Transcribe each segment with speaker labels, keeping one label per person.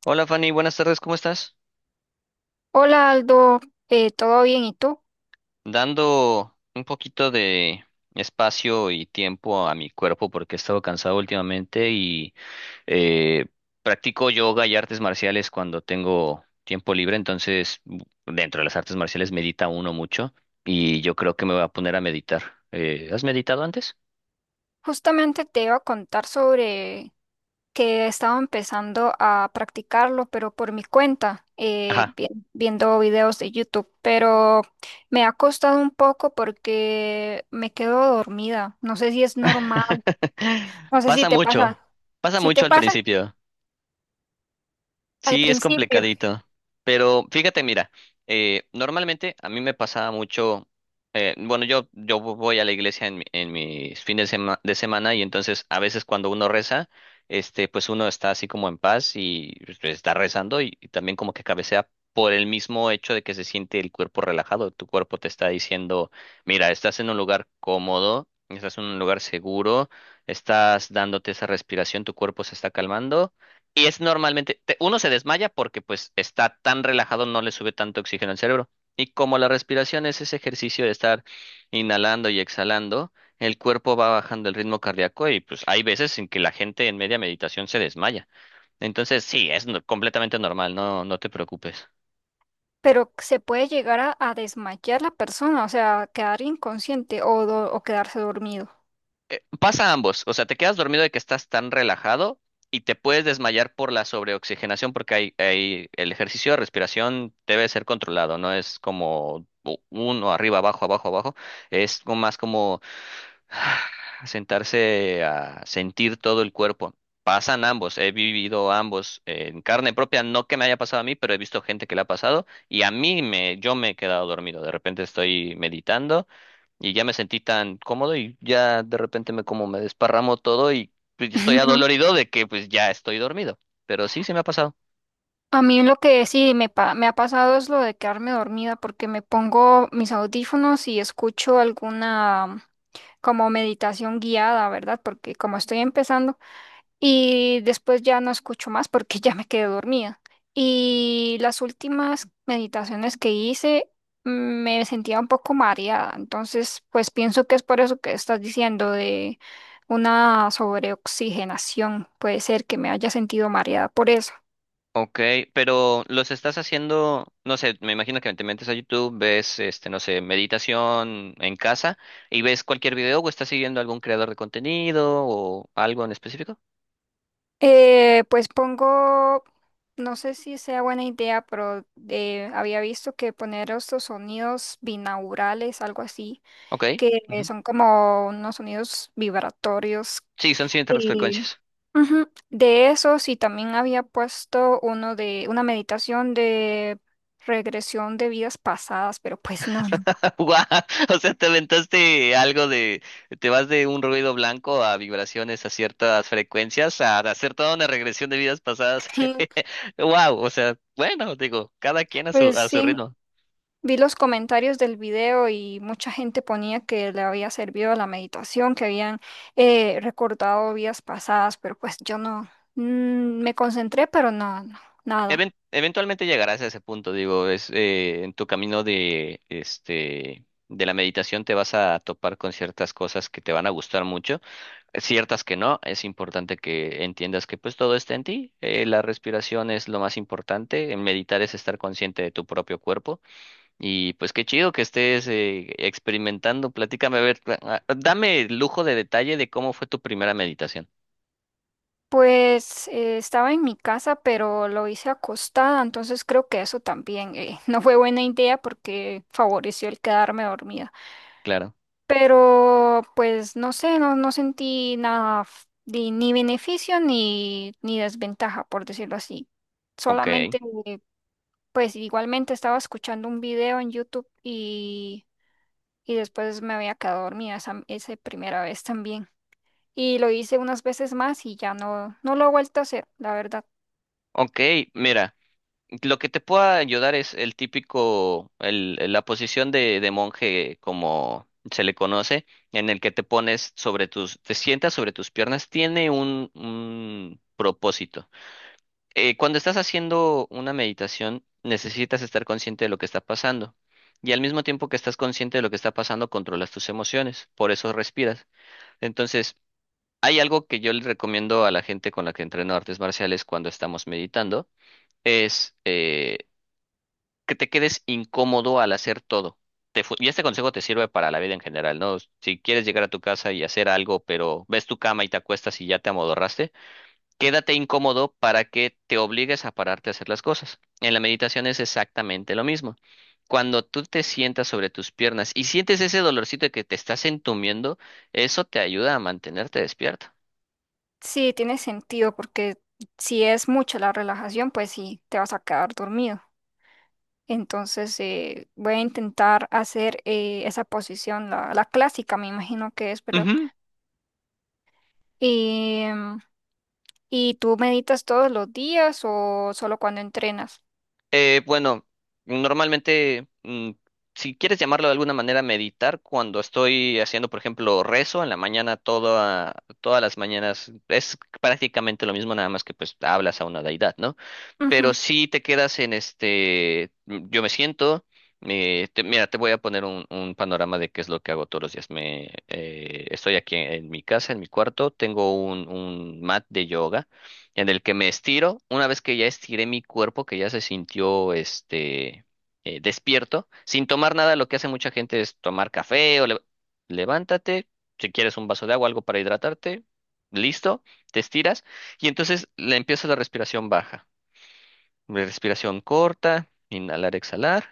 Speaker 1: Hola Fanny, buenas tardes, ¿cómo estás?
Speaker 2: Hola Aldo, ¿todo bien? ¿Y tú?
Speaker 1: Dando un poquito de espacio y tiempo a mi cuerpo porque he estado cansado últimamente y eh, practico yoga y artes marciales cuando tengo tiempo libre, entonces dentro de las artes marciales medita uno mucho y yo creo que me voy a poner a meditar. ¿Has meditado antes?
Speaker 2: Justamente te iba a contar sobre que estaba empezando a practicarlo, pero por mi cuenta,
Speaker 1: Ajá.
Speaker 2: viendo videos de YouTube, pero me ha costado un poco porque me quedo dormida. No sé si es normal, no sé si
Speaker 1: Pasa
Speaker 2: te pasa,
Speaker 1: mucho, pasa
Speaker 2: si te
Speaker 1: mucho al
Speaker 2: pasa
Speaker 1: principio.
Speaker 2: al
Speaker 1: Sí, es
Speaker 2: principio,
Speaker 1: complicadito. Pero fíjate, mira, normalmente a mí me pasaba mucho. Bueno, yo voy a la iglesia en mis fines de semana y entonces a veces cuando uno reza, pues uno está así como en paz y pues está rezando y también como que cabecea por el mismo hecho de que se siente el cuerpo relajado. Tu cuerpo te está diciendo: mira, estás en un lugar cómodo, estás en un lugar seguro, estás dándote esa respiración, tu cuerpo se está calmando y es normalmente, uno se desmaya porque pues está tan relajado, no le sube tanto oxígeno al cerebro. Y como la respiración es ese ejercicio de estar inhalando y exhalando, el cuerpo va bajando el ritmo cardíaco y pues hay veces en que la gente en media meditación se desmaya. Entonces sí, es completamente normal, no, no te preocupes.
Speaker 2: pero se puede llegar a desmayar la persona, o sea, quedar inconsciente o o quedarse dormido.
Speaker 1: Pasa ambos, o sea, te quedas dormido de que estás tan relajado y te puedes desmayar por la sobreoxigenación porque el ejercicio de respiración debe ser controlado, no es como uno arriba, abajo, abajo, abajo, es como más como sentarse a sentir todo el cuerpo. Pasan ambos, he vivido ambos en carne propia, no que me haya pasado a mí, pero he visto gente que le ha pasado y a mí me, yo me he quedado dormido, de repente estoy meditando. Y ya me sentí tan cómodo y ya de repente me como me desparramo todo y pues estoy adolorido de que pues ya estoy dormido. Pero sí, se me ha pasado.
Speaker 2: A mí lo que sí me ha pasado es lo de quedarme dormida porque me pongo mis audífonos y escucho alguna como meditación guiada, ¿verdad? Porque como estoy empezando y después ya no escucho más porque ya me quedé dormida. Y las últimas meditaciones que hice me sentía un poco mareada, entonces pues pienso que es por eso que estás diciendo de una sobreoxigenación. Puede ser que me haya sentido mareada por eso.
Speaker 1: Ok, pero los estás haciendo, no sé, me imagino que te metes a YouTube, ves, no sé, meditación en casa, y ves cualquier video o estás siguiendo algún creador de contenido o algo en específico.
Speaker 2: Pongo, no sé si sea buena idea, pero había visto que poner estos sonidos binaurales, algo así,
Speaker 1: Ok.
Speaker 2: que
Speaker 1: Ujú.
Speaker 2: son como unos sonidos vibratorios.
Speaker 1: Sí, son ciertas
Speaker 2: Y,
Speaker 1: frecuencias.
Speaker 2: ujú, de esos, y también había puesto uno de una meditación de regresión de vidas pasadas, pero pues no, no.
Speaker 1: Guau. O sea, te aventaste algo de, te vas de un ruido blanco a vibraciones a ciertas frecuencias, a hacer toda una regresión de vidas pasadas. Wow, o sea, bueno, digo, cada quien
Speaker 2: Pues
Speaker 1: a su
Speaker 2: sí.
Speaker 1: ritmo.
Speaker 2: Vi los comentarios del video y mucha gente ponía que le había servido la meditación, que habían recordado vidas pasadas, pero pues yo no, mm, me concentré, pero no, no, nada.
Speaker 1: Eventualmente llegarás a ese punto, digo, es en tu camino de la meditación te vas a topar con ciertas cosas que te van a gustar mucho. Ciertas que no, es importante que entiendas que pues todo está en ti, la respiración es lo más importante, en meditar es estar consciente de tu propio cuerpo y pues qué chido que estés experimentando. Platícame, a ver, dame el lujo de detalle de cómo fue tu primera meditación.
Speaker 2: Pues estaba en mi casa, pero lo hice acostada, entonces creo que eso también no fue buena idea porque favoreció el quedarme dormida.
Speaker 1: Claro,
Speaker 2: Pero pues no sé, no, no sentí nada, ni ni beneficio ni, ni desventaja, por decirlo así
Speaker 1: ok,
Speaker 2: solamente. Pues igualmente estaba escuchando un video en YouTube y después me había quedado dormida esa, esa primera vez también. Y lo hice unas veces más y ya no, no lo he vuelto a hacer, la verdad.
Speaker 1: ok, mira. Lo que te pueda ayudar es el típico, el, la posición de monje, como se le conoce, en el que te pones sobre tus, te sientas sobre tus piernas, tiene un propósito. Cuando estás haciendo una meditación, necesitas estar consciente de lo que está pasando. Y al mismo tiempo que estás consciente de lo que está pasando, controlas tus emociones, por eso respiras. Entonces, hay algo que yo le recomiendo a la gente con la que entreno artes marciales cuando estamos meditando es que te quedes incómodo al hacer todo. Y este consejo te sirve para la vida en general, ¿no? Si quieres llegar a tu casa y hacer algo, pero ves tu cama y te acuestas y ya te amodorraste, quédate incómodo para que te obligues a pararte a hacer las cosas. En la meditación es exactamente lo mismo. Cuando tú te sientas sobre tus piernas y sientes ese dolorcito de que te estás entumiendo, eso te ayuda a mantenerte despierto.
Speaker 2: Sí, tiene sentido porque si es mucha la relajación, pues sí, te vas a quedar dormido. Entonces voy a, intentar hacer esa posición, la clásica, me imagino que es, ¿verdad? Y, ¿y tú meditas todos los días o solo cuando entrenas?
Speaker 1: Bueno, normalmente, si quieres llamarlo de alguna manera, meditar, cuando estoy haciendo, por ejemplo, rezo en la mañana, toda, todas las mañanas, es prácticamente lo mismo, nada más que pues hablas a una deidad, ¿no? Pero si te quedas en yo me siento, mira, te voy a poner un panorama de qué es lo que hago todos los días. Me, estoy aquí en mi casa, en mi cuarto, tengo un mat de yoga en el que me estiro. Una vez que ya estiré mi cuerpo, que ya se sintió despierto, sin tomar nada, lo que hace mucha gente es tomar café o levántate, si quieres un vaso de agua, algo para hidratarte, listo, te estiras. Y entonces le empiezo la respiración baja. Respiración corta, inhalar, exhalar.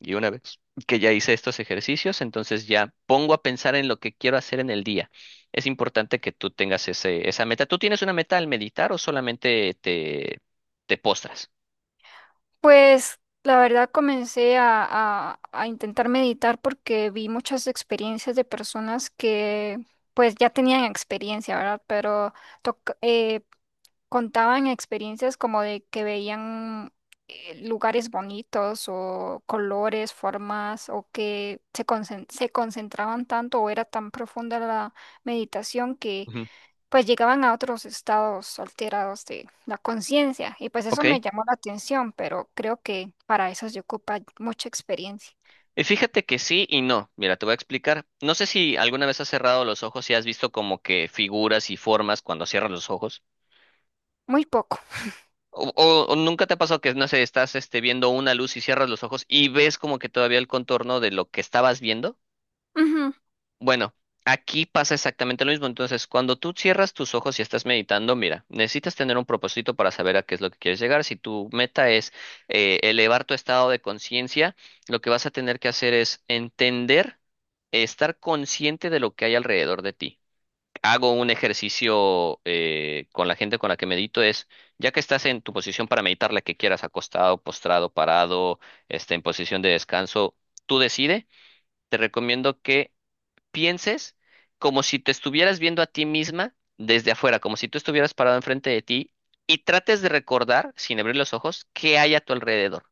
Speaker 1: Y una vez que ya hice estos ejercicios, entonces ya pongo a pensar en lo que quiero hacer en el día. Es importante que tú tengas ese, esa meta. ¿Tú tienes una meta al meditar o solamente te, te postras?
Speaker 2: Pues la verdad a intentar meditar porque vi muchas experiencias de personas que pues ya tenían experiencia, ¿verdad? Pero toc- eh, contaban experiencias como de que veían lugares bonitos o colores, formas o que se concentraban tanto o era tan profunda la meditación que
Speaker 1: Ujú.
Speaker 2: pues llegaban a otros estados alterados de la conciencia y pues eso
Speaker 1: Ok.
Speaker 2: me llamó la atención, pero creo que para eso se ocupa mucha experiencia,
Speaker 1: Y fíjate que sí y no. Mira, te voy a explicar. No sé si alguna vez has cerrado los ojos y has visto como que figuras y formas cuando cierras los ojos.
Speaker 2: muy poco.
Speaker 1: O, o nunca te ha pasado que, no sé, estás viendo una luz y cierras los ojos y ves como que todavía el contorno de lo que estabas viendo.
Speaker 2: Ujú.
Speaker 1: Bueno, aquí pasa exactamente lo mismo. Entonces, cuando tú cierras tus ojos y estás meditando, mira, necesitas tener un propósito para saber a qué es lo que quieres llegar. Si tu meta es elevar tu estado de conciencia, lo que vas a tener que hacer es entender, estar consciente de lo que hay alrededor de ti. Hago un ejercicio con la gente con la que medito es, ya que estás en tu posición para meditar, la que quieras, acostado, postrado, parado, en posición de descanso, tú decide, te recomiendo que pienses como si te estuvieras viendo a ti misma desde afuera, como si tú estuvieras parado enfrente de ti y trates de recordar, sin abrir los ojos, qué hay a tu alrededor.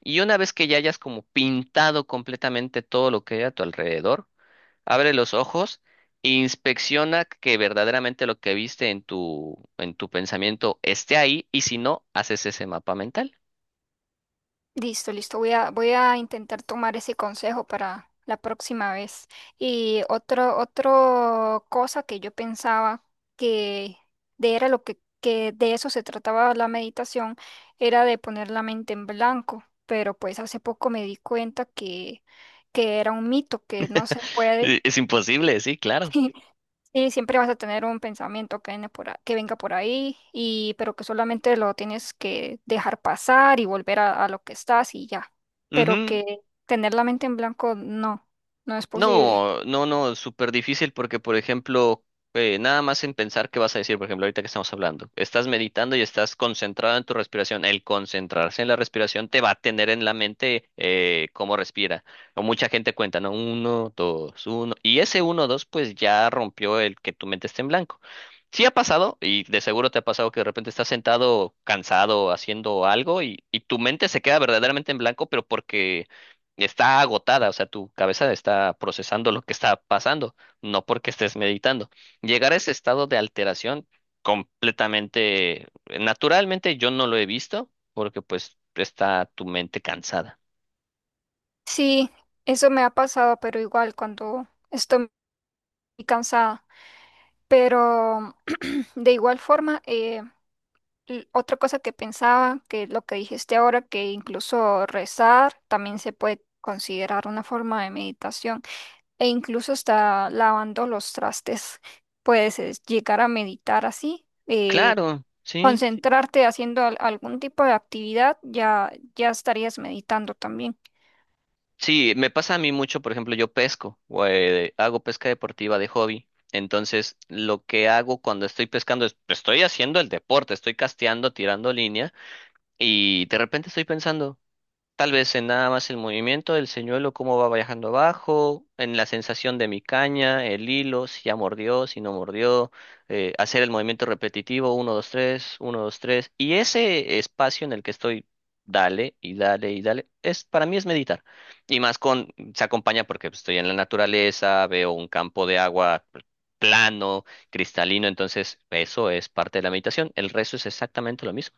Speaker 1: Y una vez que ya hayas como pintado completamente todo lo que hay a tu alrededor, abre los ojos e inspecciona que verdaderamente lo que viste en tu pensamiento esté ahí, y si no, haces ese mapa mental.
Speaker 2: Listo, listo. Voy voy a intentar tomar ese consejo para la próxima vez. Y otro cosa que yo pensaba que de era lo que de eso se trataba la meditación, era de poner la mente en blanco. Pero pues hace poco me di cuenta que era un mito, que no se puede.
Speaker 1: Es imposible, sí, claro.
Speaker 2: Sí, siempre vas a tener un pensamiento que venga por ahí, y, pero que solamente lo tienes que dejar pasar y volver a lo que estás y ya. Pero
Speaker 1: Ujú.
Speaker 2: que tener la mente en blanco no, no es posible.
Speaker 1: No, no, no, súper difícil porque, por ejemplo, nada más en pensar qué vas a decir, por ejemplo, ahorita que estamos hablando, estás meditando y estás concentrado en tu respiración. El concentrarse en la respiración te va a tener en la mente cómo respira. O mucha gente cuenta, ¿no? Uno, dos, uno. Y ese uno, dos, pues ya rompió el que tu mente esté en blanco. Sí ha pasado, y de seguro te ha pasado que de repente estás sentado, cansado, haciendo algo y tu mente se queda verdaderamente en blanco, pero porque está agotada, o sea, tu cabeza está procesando lo que está pasando, no porque estés meditando. Llegar a ese estado de alteración completamente, naturalmente yo no lo he visto porque pues está tu mente cansada.
Speaker 2: Sí, eso me ha pasado, pero igual cuando estoy muy cansada. Pero de igual forma, otra cosa que pensaba, que lo que dijiste ahora, que incluso rezar también se puede considerar una forma de meditación, e incluso está lavando los trastes. Puedes llegar a meditar así,
Speaker 1: Claro, sí.
Speaker 2: concentrarte haciendo algún tipo de actividad, ya, ya estarías meditando también.
Speaker 1: Sí, me pasa a mí mucho, por ejemplo, yo pesco, o, hago pesca deportiva de hobby. Entonces, lo que hago cuando estoy pescando es, estoy haciendo el deporte, estoy casteando, tirando línea, y de repente estoy pensando tal vez en nada más el movimiento del señuelo, cómo va viajando abajo, en la sensación de mi caña, el hilo, si ya mordió, si no mordió, hacer el movimiento repetitivo, uno dos tres, uno dos tres. Y ese espacio en el que estoy, dale y dale y dale, es, para mí es meditar. Y más con, se acompaña porque pues estoy en la naturaleza, veo un campo de agua plano, cristalino, entonces eso es parte de la meditación. El resto es exactamente lo mismo.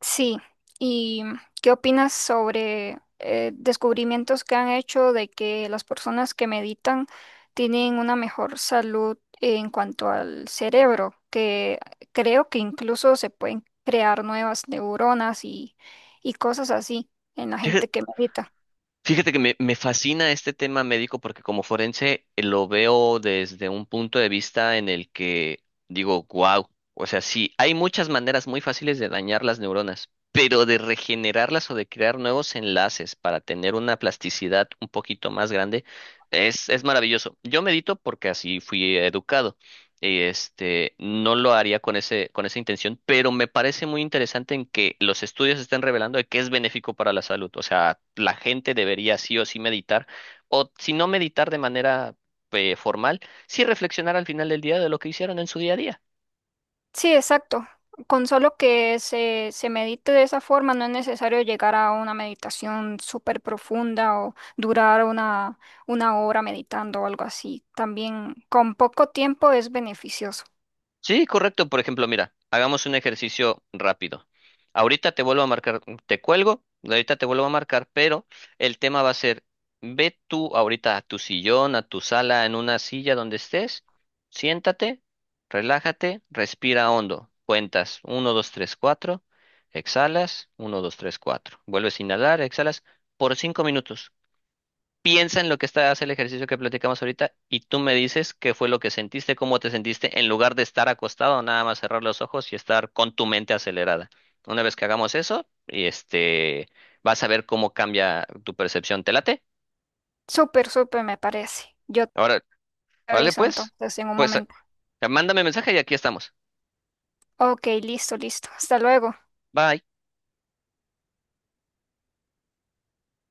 Speaker 2: Sí, ¿y qué opinas sobre descubrimientos que han hecho de que las personas que meditan tienen una mejor salud en cuanto al cerebro? Que creo que incluso se pueden crear nuevas neuronas y cosas así en la gente que medita.
Speaker 1: Fíjate que me fascina este tema médico porque como forense lo veo desde un punto de vista en el que digo, wow, o sea, sí, hay muchas maneras muy fáciles de dañar las neuronas, pero de regenerarlas o de crear nuevos enlaces para tener una plasticidad un poquito más grande es maravilloso. Yo medito porque así fui educado. No lo haría con ese, con esa intención, pero me parece muy interesante en que los estudios estén revelando de que es benéfico para la salud. O sea, la gente debería sí o sí meditar, o si no meditar de manera formal, sí reflexionar al final del día de lo que hicieron en su día a día.
Speaker 2: Sí, exacto. Con solo que se medite de esa forma, no es necesario llegar a una meditación súper profunda o durar una hora meditando o algo así. También con poco tiempo es beneficioso.
Speaker 1: Sí, correcto. Por ejemplo, mira, hagamos un ejercicio rápido. Ahorita te vuelvo a marcar, te cuelgo, ahorita te vuelvo a marcar, pero el tema va a ser, ve tú ahorita a tu sillón, a tu sala, en una silla donde estés, siéntate, relájate, respira hondo, cuentas uno, 2, 3, 4. Exhalas, uno, 2, 3, 4. Vuelves a inhalar, exhalas por 5 minutos. Piensa en lo que está, hace el ejercicio que platicamos ahorita y tú me dices qué fue lo que sentiste, cómo te sentiste, en lugar de estar acostado, nada más cerrar los ojos y estar con tu mente acelerada. Una vez que hagamos eso, vas a ver cómo cambia tu percepción. ¿Te late?
Speaker 2: Súper, súper me parece. Yo te
Speaker 1: Ahora, vale,
Speaker 2: aviso
Speaker 1: pues,
Speaker 2: entonces en un
Speaker 1: pues,
Speaker 2: momento.
Speaker 1: mándame mensaje y aquí estamos.
Speaker 2: Ok, listo, listo. Hasta luego.
Speaker 1: Bye.